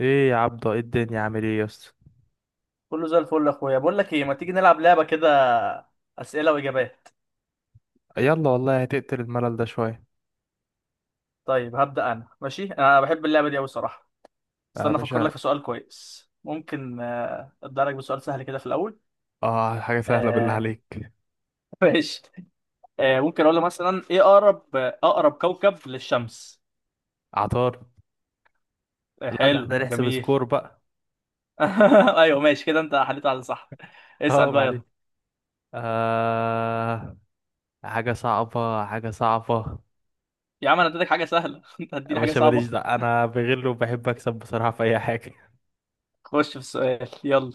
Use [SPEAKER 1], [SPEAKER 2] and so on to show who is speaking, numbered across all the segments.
[SPEAKER 1] ايه يا عبدة، ايه الدنيا؟ عامل ايه يا اسطى؟
[SPEAKER 2] كله زي الفل يا اخويا. بقول لك ايه، ما تيجي نلعب لعبه كده، اسئله واجابات؟
[SPEAKER 1] يلا والله هتقتل الملل ده شوية.
[SPEAKER 2] طيب هبدا انا. ماشي، انا بحب اللعبه دي قوي صراحه.
[SPEAKER 1] يا
[SPEAKER 2] استنى افكر لك
[SPEAKER 1] باشا.
[SPEAKER 2] في سؤال كويس. ممكن ابدا لك بسؤال سهل كده في الاول.
[SPEAKER 1] اه، حاجة سهلة بالله
[SPEAKER 2] آه،
[SPEAKER 1] عليك.
[SPEAKER 2] ماشي. ممكن اقول لك مثلا، ايه اقرب كوكب للشمس؟
[SPEAKER 1] عطار. لا، ده
[SPEAKER 2] حلو
[SPEAKER 1] احنا نحسب
[SPEAKER 2] جميل.
[SPEAKER 1] سكور بقى.
[SPEAKER 2] ايوه ماشي كده، انت حليت على صح. اسال
[SPEAKER 1] اه
[SPEAKER 2] بقى
[SPEAKER 1] معلش.
[SPEAKER 2] يلا.
[SPEAKER 1] آه حاجة صعبة حاجة صعبة.
[SPEAKER 2] يا عم، انا اديتك حاجه سهله انت
[SPEAKER 1] يا
[SPEAKER 2] هتديني حاجه
[SPEAKER 1] باشا
[SPEAKER 2] صعبه؟
[SPEAKER 1] ماليش، ده انا بغل وبحب اكسب بصراحة في اي حاجة.
[SPEAKER 2] خش في السؤال يلا.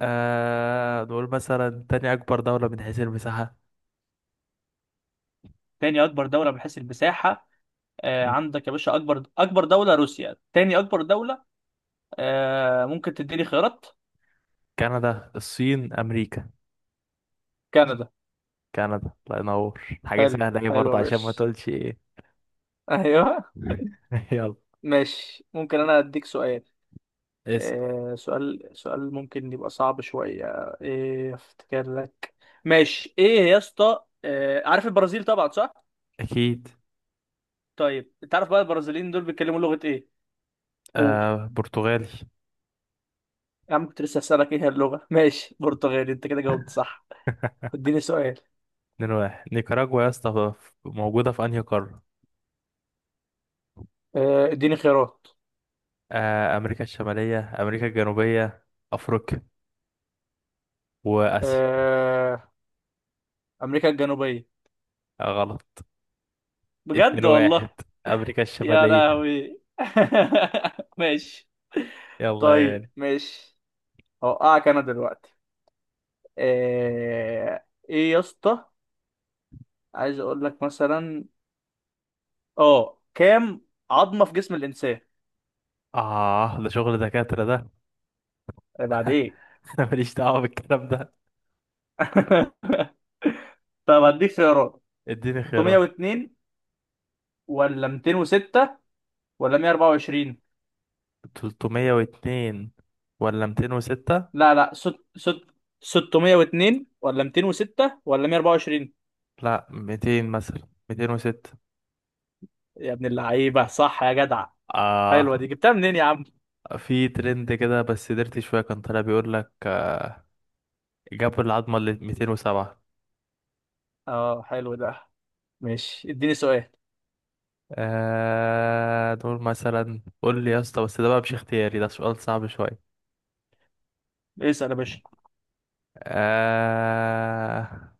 [SPEAKER 1] نقول مثلا تاني اكبر دولة من حيث المساحة؟
[SPEAKER 2] تاني اكبر دوله من حيث المساحه.
[SPEAKER 1] م.
[SPEAKER 2] عندك يا باشا، اكبر دوله روسيا، تاني اكبر دوله. ممكن تديني خيارات؟
[SPEAKER 1] كندا، الصين، امريكا؟
[SPEAKER 2] كندا.
[SPEAKER 1] كندا، الله ينور، حاجة
[SPEAKER 2] حلو،
[SPEAKER 1] سهلة ايه
[SPEAKER 2] حلو يا
[SPEAKER 1] برضه عشان ما
[SPEAKER 2] باشا.
[SPEAKER 1] تقولش ايه.
[SPEAKER 2] ايوه
[SPEAKER 1] يلا.
[SPEAKER 2] ماشي. ممكن انا اديك سؤال؟
[SPEAKER 1] اسأل.
[SPEAKER 2] سؤال ممكن يبقى صعب شوية. ايه افتكر لك. ماشي، ايه يا اسطى، عارف البرازيل طبعا صح؟
[SPEAKER 1] اكيد.
[SPEAKER 2] طيب تعرف بقى البرازيليين دول بيتكلموا لغة ايه؟ قول.
[SPEAKER 1] آه، برتغالي.
[SPEAKER 2] يا عم كنت لسه هسألك ايه هي اللغة ماشي، برتغالي، انت كده جاوبت صح. اديني سؤال.
[SPEAKER 1] 2-1. نيكاراجوا يا اسطى، موجودة في أنهي قارة؟
[SPEAKER 2] اديني خيارات.
[SPEAKER 1] أمريكا الشمالية، أمريكا الجنوبية، أفريقيا، وآسيا.
[SPEAKER 2] آه، امريكا الجنوبيه.
[SPEAKER 1] غلط.
[SPEAKER 2] بجد والله.
[SPEAKER 1] 2-1. أمريكا
[SPEAKER 2] يا
[SPEAKER 1] الشمالية.
[SPEAKER 2] لهوي ماشي.
[SPEAKER 1] يلا يا
[SPEAKER 2] طيب
[SPEAKER 1] غالي.
[SPEAKER 2] ماشي. هوقعك انا دلوقتي. ايه ايه يا اسطى؟ عايز اقول لك مثلا. اه كام عظمه في جسم الانسان؟
[SPEAKER 1] ده شغل دكاترة ده.
[SPEAKER 2] إيه بعد ايه؟
[SPEAKER 1] أنا ماليش دعوة بالكلام ده.
[SPEAKER 2] طب هديك خيارات.
[SPEAKER 1] اديني خيارات.
[SPEAKER 2] 602 ولا 206 ولا 124؟
[SPEAKER 1] 302 ولا 206؟
[SPEAKER 2] لا لا، ست ست، 602 ولا 206 ولا 124؟
[SPEAKER 1] لا، 200 مثلا، 206.
[SPEAKER 2] يا ابن اللعيبه صح يا جدع. حلوة
[SPEAKER 1] آه
[SPEAKER 2] دي، جبتها منين يا عم؟
[SPEAKER 1] في ترند كده، بس درت شوية كان طالع بيقول لك جابوا العظمة اللي 207.
[SPEAKER 2] اه حلو ده. ماشي اديني سؤال.
[SPEAKER 1] دول مثلا قول لي يا اسطى، بس ده بقى مش اختياري، ده سؤال صعب شوية.
[SPEAKER 2] اسأل يا باشا.
[SPEAKER 1] آه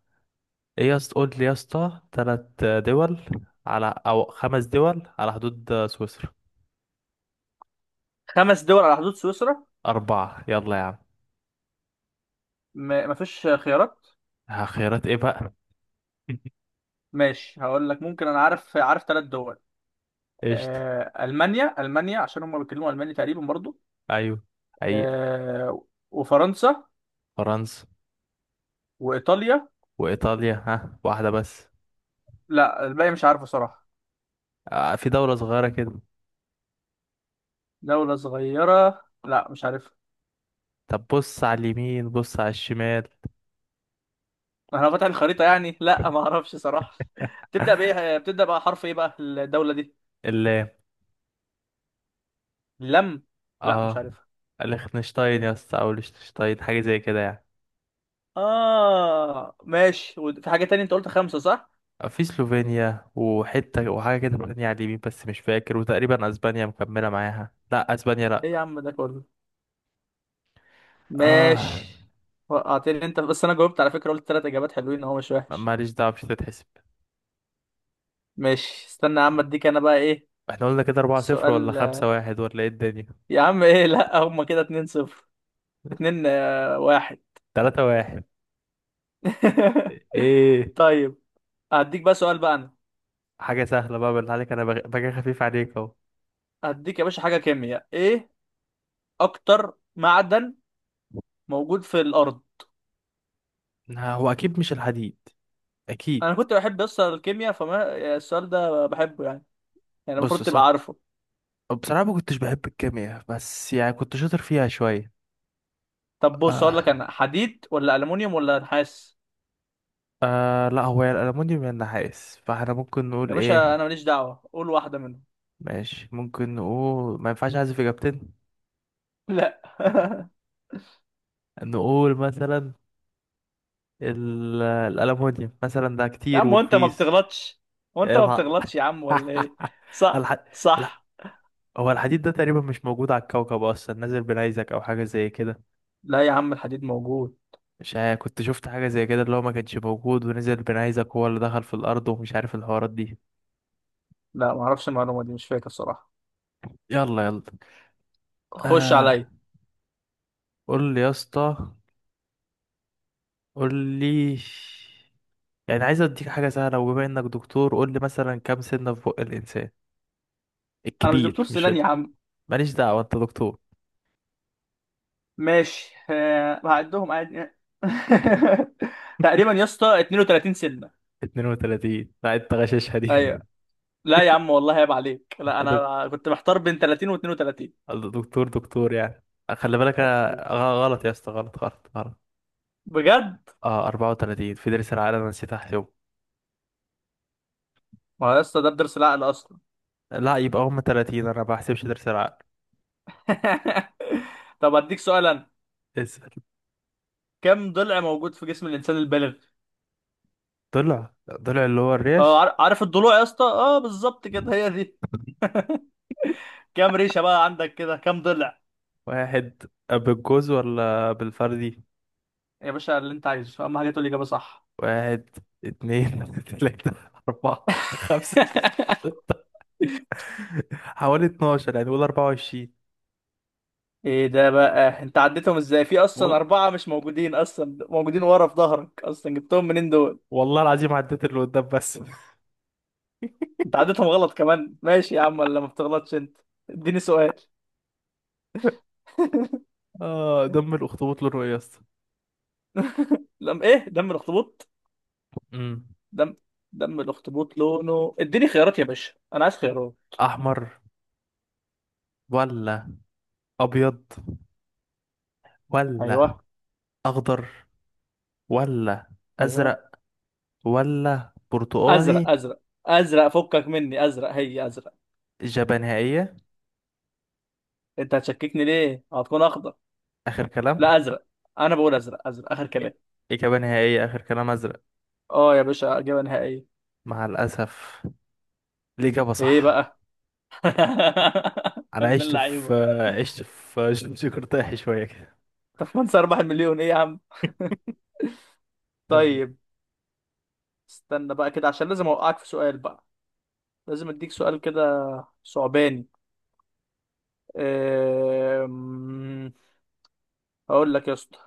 [SPEAKER 1] ايه يا اسطى؟ قول لي يا اسطى تلات دول على او خمس دول على حدود سويسرا.
[SPEAKER 2] خمس دول على حدود سويسرا.
[SPEAKER 1] أربعة، يلا يا عم.
[SPEAKER 2] مفيش خيارات؟
[SPEAKER 1] ها، خيارات ايه بقى؟
[SPEAKER 2] ماشي هقول لك، ممكن انا عارف ثلاث دول.
[SPEAKER 1] قشطة.
[SPEAKER 2] المانيا عشان هم بيتكلموا الماني تقريبا برضو.
[SPEAKER 1] ايوه. حقيقة.
[SPEAKER 2] آه... وفرنسا.
[SPEAKER 1] فرنسا.
[SPEAKER 2] وايطاليا.
[SPEAKER 1] وإيطاليا، ها، واحدة بس.
[SPEAKER 2] لا الباقي مش عارفه صراحة.
[SPEAKER 1] في دولة صغيرة كده.
[SPEAKER 2] دولة صغيرة، لا مش عارفها.
[SPEAKER 1] طب بص على اليمين، بص على الشمال.
[SPEAKER 2] انا فاتح الخريطة يعني، لا ما اعرفش صراحة بتبدأ بقى حرف ايه بقى الدولة دي؟
[SPEAKER 1] اللام.
[SPEAKER 2] لم. لا مش
[SPEAKER 1] اه.
[SPEAKER 2] عارف.
[SPEAKER 1] ليخنشتاين يا اسطى، او ليشتنشتاين، حاجه زي كده يعني.
[SPEAKER 2] اه ماشي، وفي حاجة تانية، انت قلت خمسة صح؟
[SPEAKER 1] في سلوفينيا وحته، وحاجه كده تانية على اليمين بس مش فاكر، وتقريبا اسبانيا مكمله معاها، لا اسبانيا
[SPEAKER 2] ايه
[SPEAKER 1] لا.
[SPEAKER 2] يا عم ده كله.
[SPEAKER 1] اه،
[SPEAKER 2] ماشي. وقعتني انت، بس انا جاوبت على فكرة، قلت تلات اجابات حلوين اهو، مش وحش.
[SPEAKER 1] ماليش دعوه مش هتتحسب.
[SPEAKER 2] ماشي استنى يا عم، اديك انا بقى ايه.
[SPEAKER 1] احنا قلنا كده 4 0 ولا
[SPEAKER 2] سؤال.
[SPEAKER 1] 5 1 ولا ايه الدنيا؟
[SPEAKER 2] يا عم ايه لا، هما كده اتنين صفر. اتنين واحد.
[SPEAKER 1] 3 1. ايه
[SPEAKER 2] طيب. هديك بقى سؤال بقى انا.
[SPEAKER 1] حاجه سهله بقى بالله عليك، انا باجي خفيف عليك اهو.
[SPEAKER 2] هديك يا باشا حاجة كيمياء، ايه اكتر معدن موجود في الارض؟
[SPEAKER 1] لا، هو اكيد مش الحديد. اكيد.
[SPEAKER 2] انا كنت بحب اصلا الكيمياء، فما السؤال ده بحبه يعني. يعني
[SPEAKER 1] بص،
[SPEAKER 2] المفروض تبقى عارفه.
[SPEAKER 1] بصراحه ما كنتش بحب الكيمياء، بس يعني كنت شاطر فيها شويه.
[SPEAKER 2] طب بص، اقول لك
[SPEAKER 1] آه.
[SPEAKER 2] انا، حديد ولا الومنيوم ولا نحاس؟
[SPEAKER 1] لا، هو يا الألمونيوم يا النحاس، فاحنا ممكن نقول
[SPEAKER 2] يا باشا
[SPEAKER 1] ايه؟
[SPEAKER 2] انا ماليش دعوه، قول واحده منهم.
[SPEAKER 1] ماشي، ممكن نقول ما ينفعش احذف اجابتين.
[SPEAKER 2] لا.
[SPEAKER 1] نقول مثلا الألمونيوم مثلا ده
[SPEAKER 2] يا
[SPEAKER 1] كتير
[SPEAKER 2] عم، وانت ما
[SPEAKER 1] ورخيص.
[SPEAKER 2] بتغلطش؟ وانت
[SPEAKER 1] يا
[SPEAKER 2] ما
[SPEAKER 1] نهار.
[SPEAKER 2] بتغلطش يا عم، ولا ايه؟ صح
[SPEAKER 1] الح... لا،
[SPEAKER 2] صح.
[SPEAKER 1] هو الحديد ده تقريبا مش موجود على الكوكب اصلا، نزل بنيزك او حاجه زي كده.
[SPEAKER 2] لا يا عم الحديد موجود.
[SPEAKER 1] مش عارف، كنت شفت حاجه زي كده اللي هو ما كانش موجود ونزل بنيزك، هو اللي دخل في الارض، ومش عارف الحوارات دي.
[SPEAKER 2] لا ما اعرفش المعلومه دي، مش فاكر صراحه.
[SPEAKER 1] يلا يلا.
[SPEAKER 2] خش
[SPEAKER 1] آه
[SPEAKER 2] عليا.
[SPEAKER 1] قول لي يا اسطى، قول لي. يعني عايز اديك حاجة سهلة، وبما انك دكتور قول لي مثلا كام سنة في بق الانسان
[SPEAKER 2] انا مش دكتور
[SPEAKER 1] الكبير، مش
[SPEAKER 2] سنان يا عم.
[SPEAKER 1] ماليش دعوة، انت دكتور.
[SPEAKER 2] ماشي، هعدهم عادي. تقريبا يا اسطى 32 سنه.
[SPEAKER 1] 32، لا انت غشاشها
[SPEAKER 2] ايوه.
[SPEAKER 1] دي.
[SPEAKER 2] لا يا عم والله عيب عليك، لا
[SPEAKER 1] دك-
[SPEAKER 2] انا كنت محتار بين 30 و 32.
[SPEAKER 1] دكتور دكتور يعني. خلي بالك،
[SPEAKER 2] عيب
[SPEAKER 1] أنا
[SPEAKER 2] عليك،
[SPEAKER 1] غلط يا اسطى، غلط غلط غلط.
[SPEAKER 2] بجد.
[SPEAKER 1] اه، 34 في درس العقل، انا نسيت احسبه.
[SPEAKER 2] ما هو يا اسطى ده بدرس العقل اصلا.
[SPEAKER 1] لا، يبقى هم 30، انا ما بحسبش درس العقل.
[SPEAKER 2] طب اديك سؤال انا.
[SPEAKER 1] اسأل.
[SPEAKER 2] كم ضلع موجود في جسم الانسان البالغ؟
[SPEAKER 1] طلع. طلع اللي هو
[SPEAKER 2] اه
[SPEAKER 1] الريش.
[SPEAKER 2] عارف الضلوع يا اسطى، اه بالظبط كده هي دي. كم ريشه بقى عندك كده، كم ضلع؟
[SPEAKER 1] واحد بالجوز ولا بالفردي؟
[SPEAKER 2] يا باشا اللي انت عايزه اهم حاجه تقول الاجابه صح.
[SPEAKER 1] واحد، اتنين، تلاتة، أربعة، خمسة، حوالي 12 يعني، قول 24.
[SPEAKER 2] ايه ده بقى، انت عديتهم ازاي، في
[SPEAKER 1] وال...
[SPEAKER 2] اصلا اربعه مش موجودين، اصلا موجودين ورا في ظهرك، اصلا جبتهم منين دول؟
[SPEAKER 1] والله العظيم عديت اللي قدام بس.
[SPEAKER 2] انت عديتهم غلط كمان، ماشي يا عم ولا ما بتغلطش انت. اديني سؤال.
[SPEAKER 1] اه، دم الاخطبوط لونه ايه يا اسطى؟
[SPEAKER 2] لم ايه دم الاخطبوط؟
[SPEAKER 1] امم
[SPEAKER 2] دم دم الاخطبوط لونه، اديني خيارات يا باشا، انا عايز خيارات.
[SPEAKER 1] احمر، ولا ابيض، ولا
[SPEAKER 2] ايوه.
[SPEAKER 1] اخضر، ولا
[SPEAKER 2] ايوه.
[SPEAKER 1] ازرق، ولا
[SPEAKER 2] ازرق
[SPEAKER 1] برتقاني؟
[SPEAKER 2] ازرق. ازرق فكك مني، ازرق هي ازرق.
[SPEAKER 1] اجابه نهائيه،
[SPEAKER 2] انت هتشككني ليه؟ هتكون اخضر؟
[SPEAKER 1] اخر كلام.
[SPEAKER 2] لا ازرق. انا بقول ازرق، ازرق اخر كلام.
[SPEAKER 1] اجابه نهائيه اخر كلام، ازرق.
[SPEAKER 2] اه يا باشا اجابه نهائيه.
[SPEAKER 1] مع الاسف، الاجابه
[SPEAKER 2] ايه
[SPEAKER 1] صح.
[SPEAKER 2] بقى؟ يا
[SPEAKER 1] انا
[SPEAKER 2] ابن
[SPEAKER 1] عشت في
[SPEAKER 2] اللعيبه.
[SPEAKER 1] عشت في جغرافيا شويه كده.
[SPEAKER 2] طب وانت اربح المليون ايه يا عم.
[SPEAKER 1] كمل.
[SPEAKER 2] طيب. استنى بقى كده عشان لازم اوقعك في سؤال بقى. لازم اديك سؤال كده. صعباني. أم، هقول لك يا اسطى.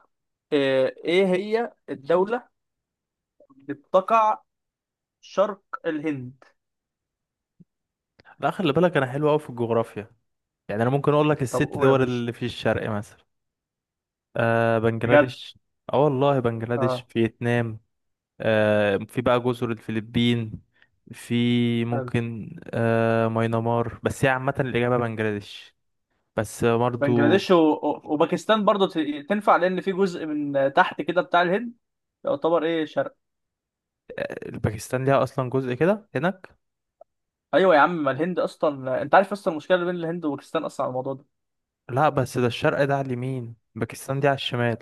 [SPEAKER 2] ايه هي الدولة بتقع شرق الهند؟
[SPEAKER 1] لا خلي بالك، انا حلو قوي في الجغرافيا. يعني انا ممكن اقول لك
[SPEAKER 2] طب
[SPEAKER 1] الست
[SPEAKER 2] قول يا
[SPEAKER 1] دول
[SPEAKER 2] باشا.
[SPEAKER 1] اللي في الشرق مثلا.
[SPEAKER 2] بجد.
[SPEAKER 1] بنجلاديش. اه والله، بنجلاديش،
[SPEAKER 2] اه
[SPEAKER 1] فيتنام. في بقى جزر الفلبين. في
[SPEAKER 2] حلو.
[SPEAKER 1] ممكن ماينمار، بس هي عامة الإجابة بنجلاديش. بس برضو.
[SPEAKER 2] بنجلاديش وباكستان برضو تنفع، لان في جزء من تحت كده بتاع الهند يعتبر ايه شرق.
[SPEAKER 1] آه، الباكستان ليها أصلا جزء كده هناك.
[SPEAKER 2] ايوه يا عم، ما الهند اصلا، انت عارف اصلا المشكله اللي بين الهند وباكستان اصلا على الموضوع ده.
[SPEAKER 1] لا بس ده الشرق، ده على اليمين، باكستان دي على الشمال.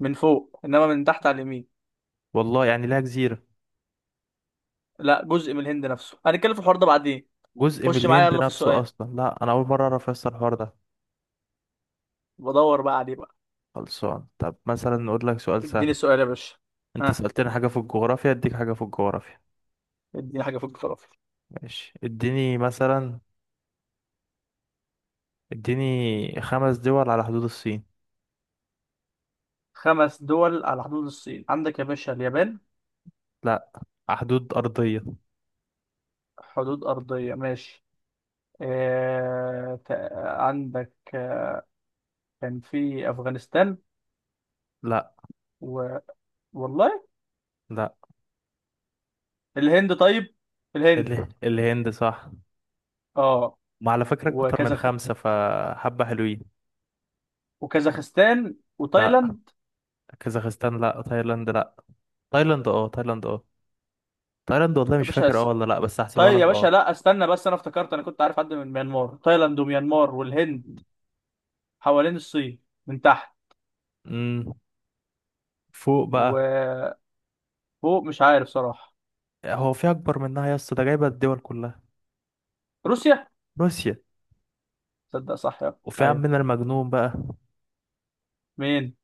[SPEAKER 2] من فوق، انما من تحت على اليمين.
[SPEAKER 1] والله يعني ليها جزيرة.
[SPEAKER 2] لا جزء من الهند نفسه، هنتكلم في الحوار ده بعدين.
[SPEAKER 1] جزء من
[SPEAKER 2] خش معايا
[SPEAKER 1] الهند
[SPEAKER 2] يلا في
[SPEAKER 1] نفسه
[SPEAKER 2] السؤال.
[SPEAKER 1] أصلا، لا، أنا أول مرة أعرف أصلا الحوار ده.
[SPEAKER 2] بدور بقى عليه بقى.
[SPEAKER 1] خلصان، طب مثلا نقول لك سؤال
[SPEAKER 2] اديني
[SPEAKER 1] سهل.
[SPEAKER 2] سؤال يا باشا.
[SPEAKER 1] انت
[SPEAKER 2] ها.
[SPEAKER 1] سألتني حاجة في الجغرافيا، اديك حاجة في الجغرافيا.
[SPEAKER 2] اديني حاجه فوق الفلافل.
[SPEAKER 1] ماشي، اديني مثلا. اديني خمس دول على حدود الصين.
[SPEAKER 2] خمس دول على حدود الصين، عندك يا باشا اليابان.
[SPEAKER 1] لا، على حدود أرضية.
[SPEAKER 2] حدود ارضيه ماشي. عندك كان في أفغانستان.
[SPEAKER 1] لا.
[SPEAKER 2] و... والله.
[SPEAKER 1] لا
[SPEAKER 2] الهند طيب. الهند.
[SPEAKER 1] الهند صح.
[SPEAKER 2] اه.
[SPEAKER 1] ما على فكرة أكتر من
[SPEAKER 2] وكازاخ
[SPEAKER 1] خمسة، فحبة حلوين.
[SPEAKER 2] وكازاخستان
[SPEAKER 1] لا
[SPEAKER 2] وتايلاند.
[SPEAKER 1] كازاخستان لا، تايلاند لا. تايلاند اه، تايلاند اه. تايلاند والله
[SPEAKER 2] يا
[SPEAKER 1] مش
[SPEAKER 2] باشا
[SPEAKER 1] فاكر، اه ولا لا، بس هحسبها
[SPEAKER 2] طيب يا
[SPEAKER 1] لك
[SPEAKER 2] باشا،
[SPEAKER 1] اه.
[SPEAKER 2] لا استنى، بس انا افتكرت، انا كنت عارف حد من ميانمار، تايلاند وميانمار والهند. حوالين الصين من تحت.
[SPEAKER 1] امم فوق بقى.
[SPEAKER 2] وفوق. مش عارف صراحة.
[SPEAKER 1] هو في أكبر منها يا اسطى، ده جايبة الدول كلها.
[SPEAKER 2] روسيا.
[SPEAKER 1] روسيا.
[SPEAKER 2] تصدق صح يا
[SPEAKER 1] وفي
[SPEAKER 2] ايوه.
[SPEAKER 1] عمنا المجنون بقى.
[SPEAKER 2] مين؟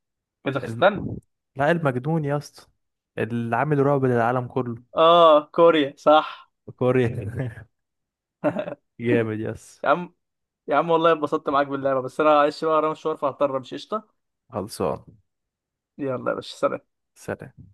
[SPEAKER 1] الم...
[SPEAKER 2] كازاخستان؟
[SPEAKER 1] لا، المجنون يا اسطى، اللي عامل رعب للعالم كله.
[SPEAKER 2] اه كوريا صح.
[SPEAKER 1] كوريا. جامد، يس.
[SPEAKER 2] يا عم. يا عم والله اتبسطت معاك باللعبة، بس انا معلش بقى ورايا مشوار، فهضطر امشي. قشطة.
[SPEAKER 1] خلصان.
[SPEAKER 2] يلا يا باشا، سلام.
[SPEAKER 1] سلام.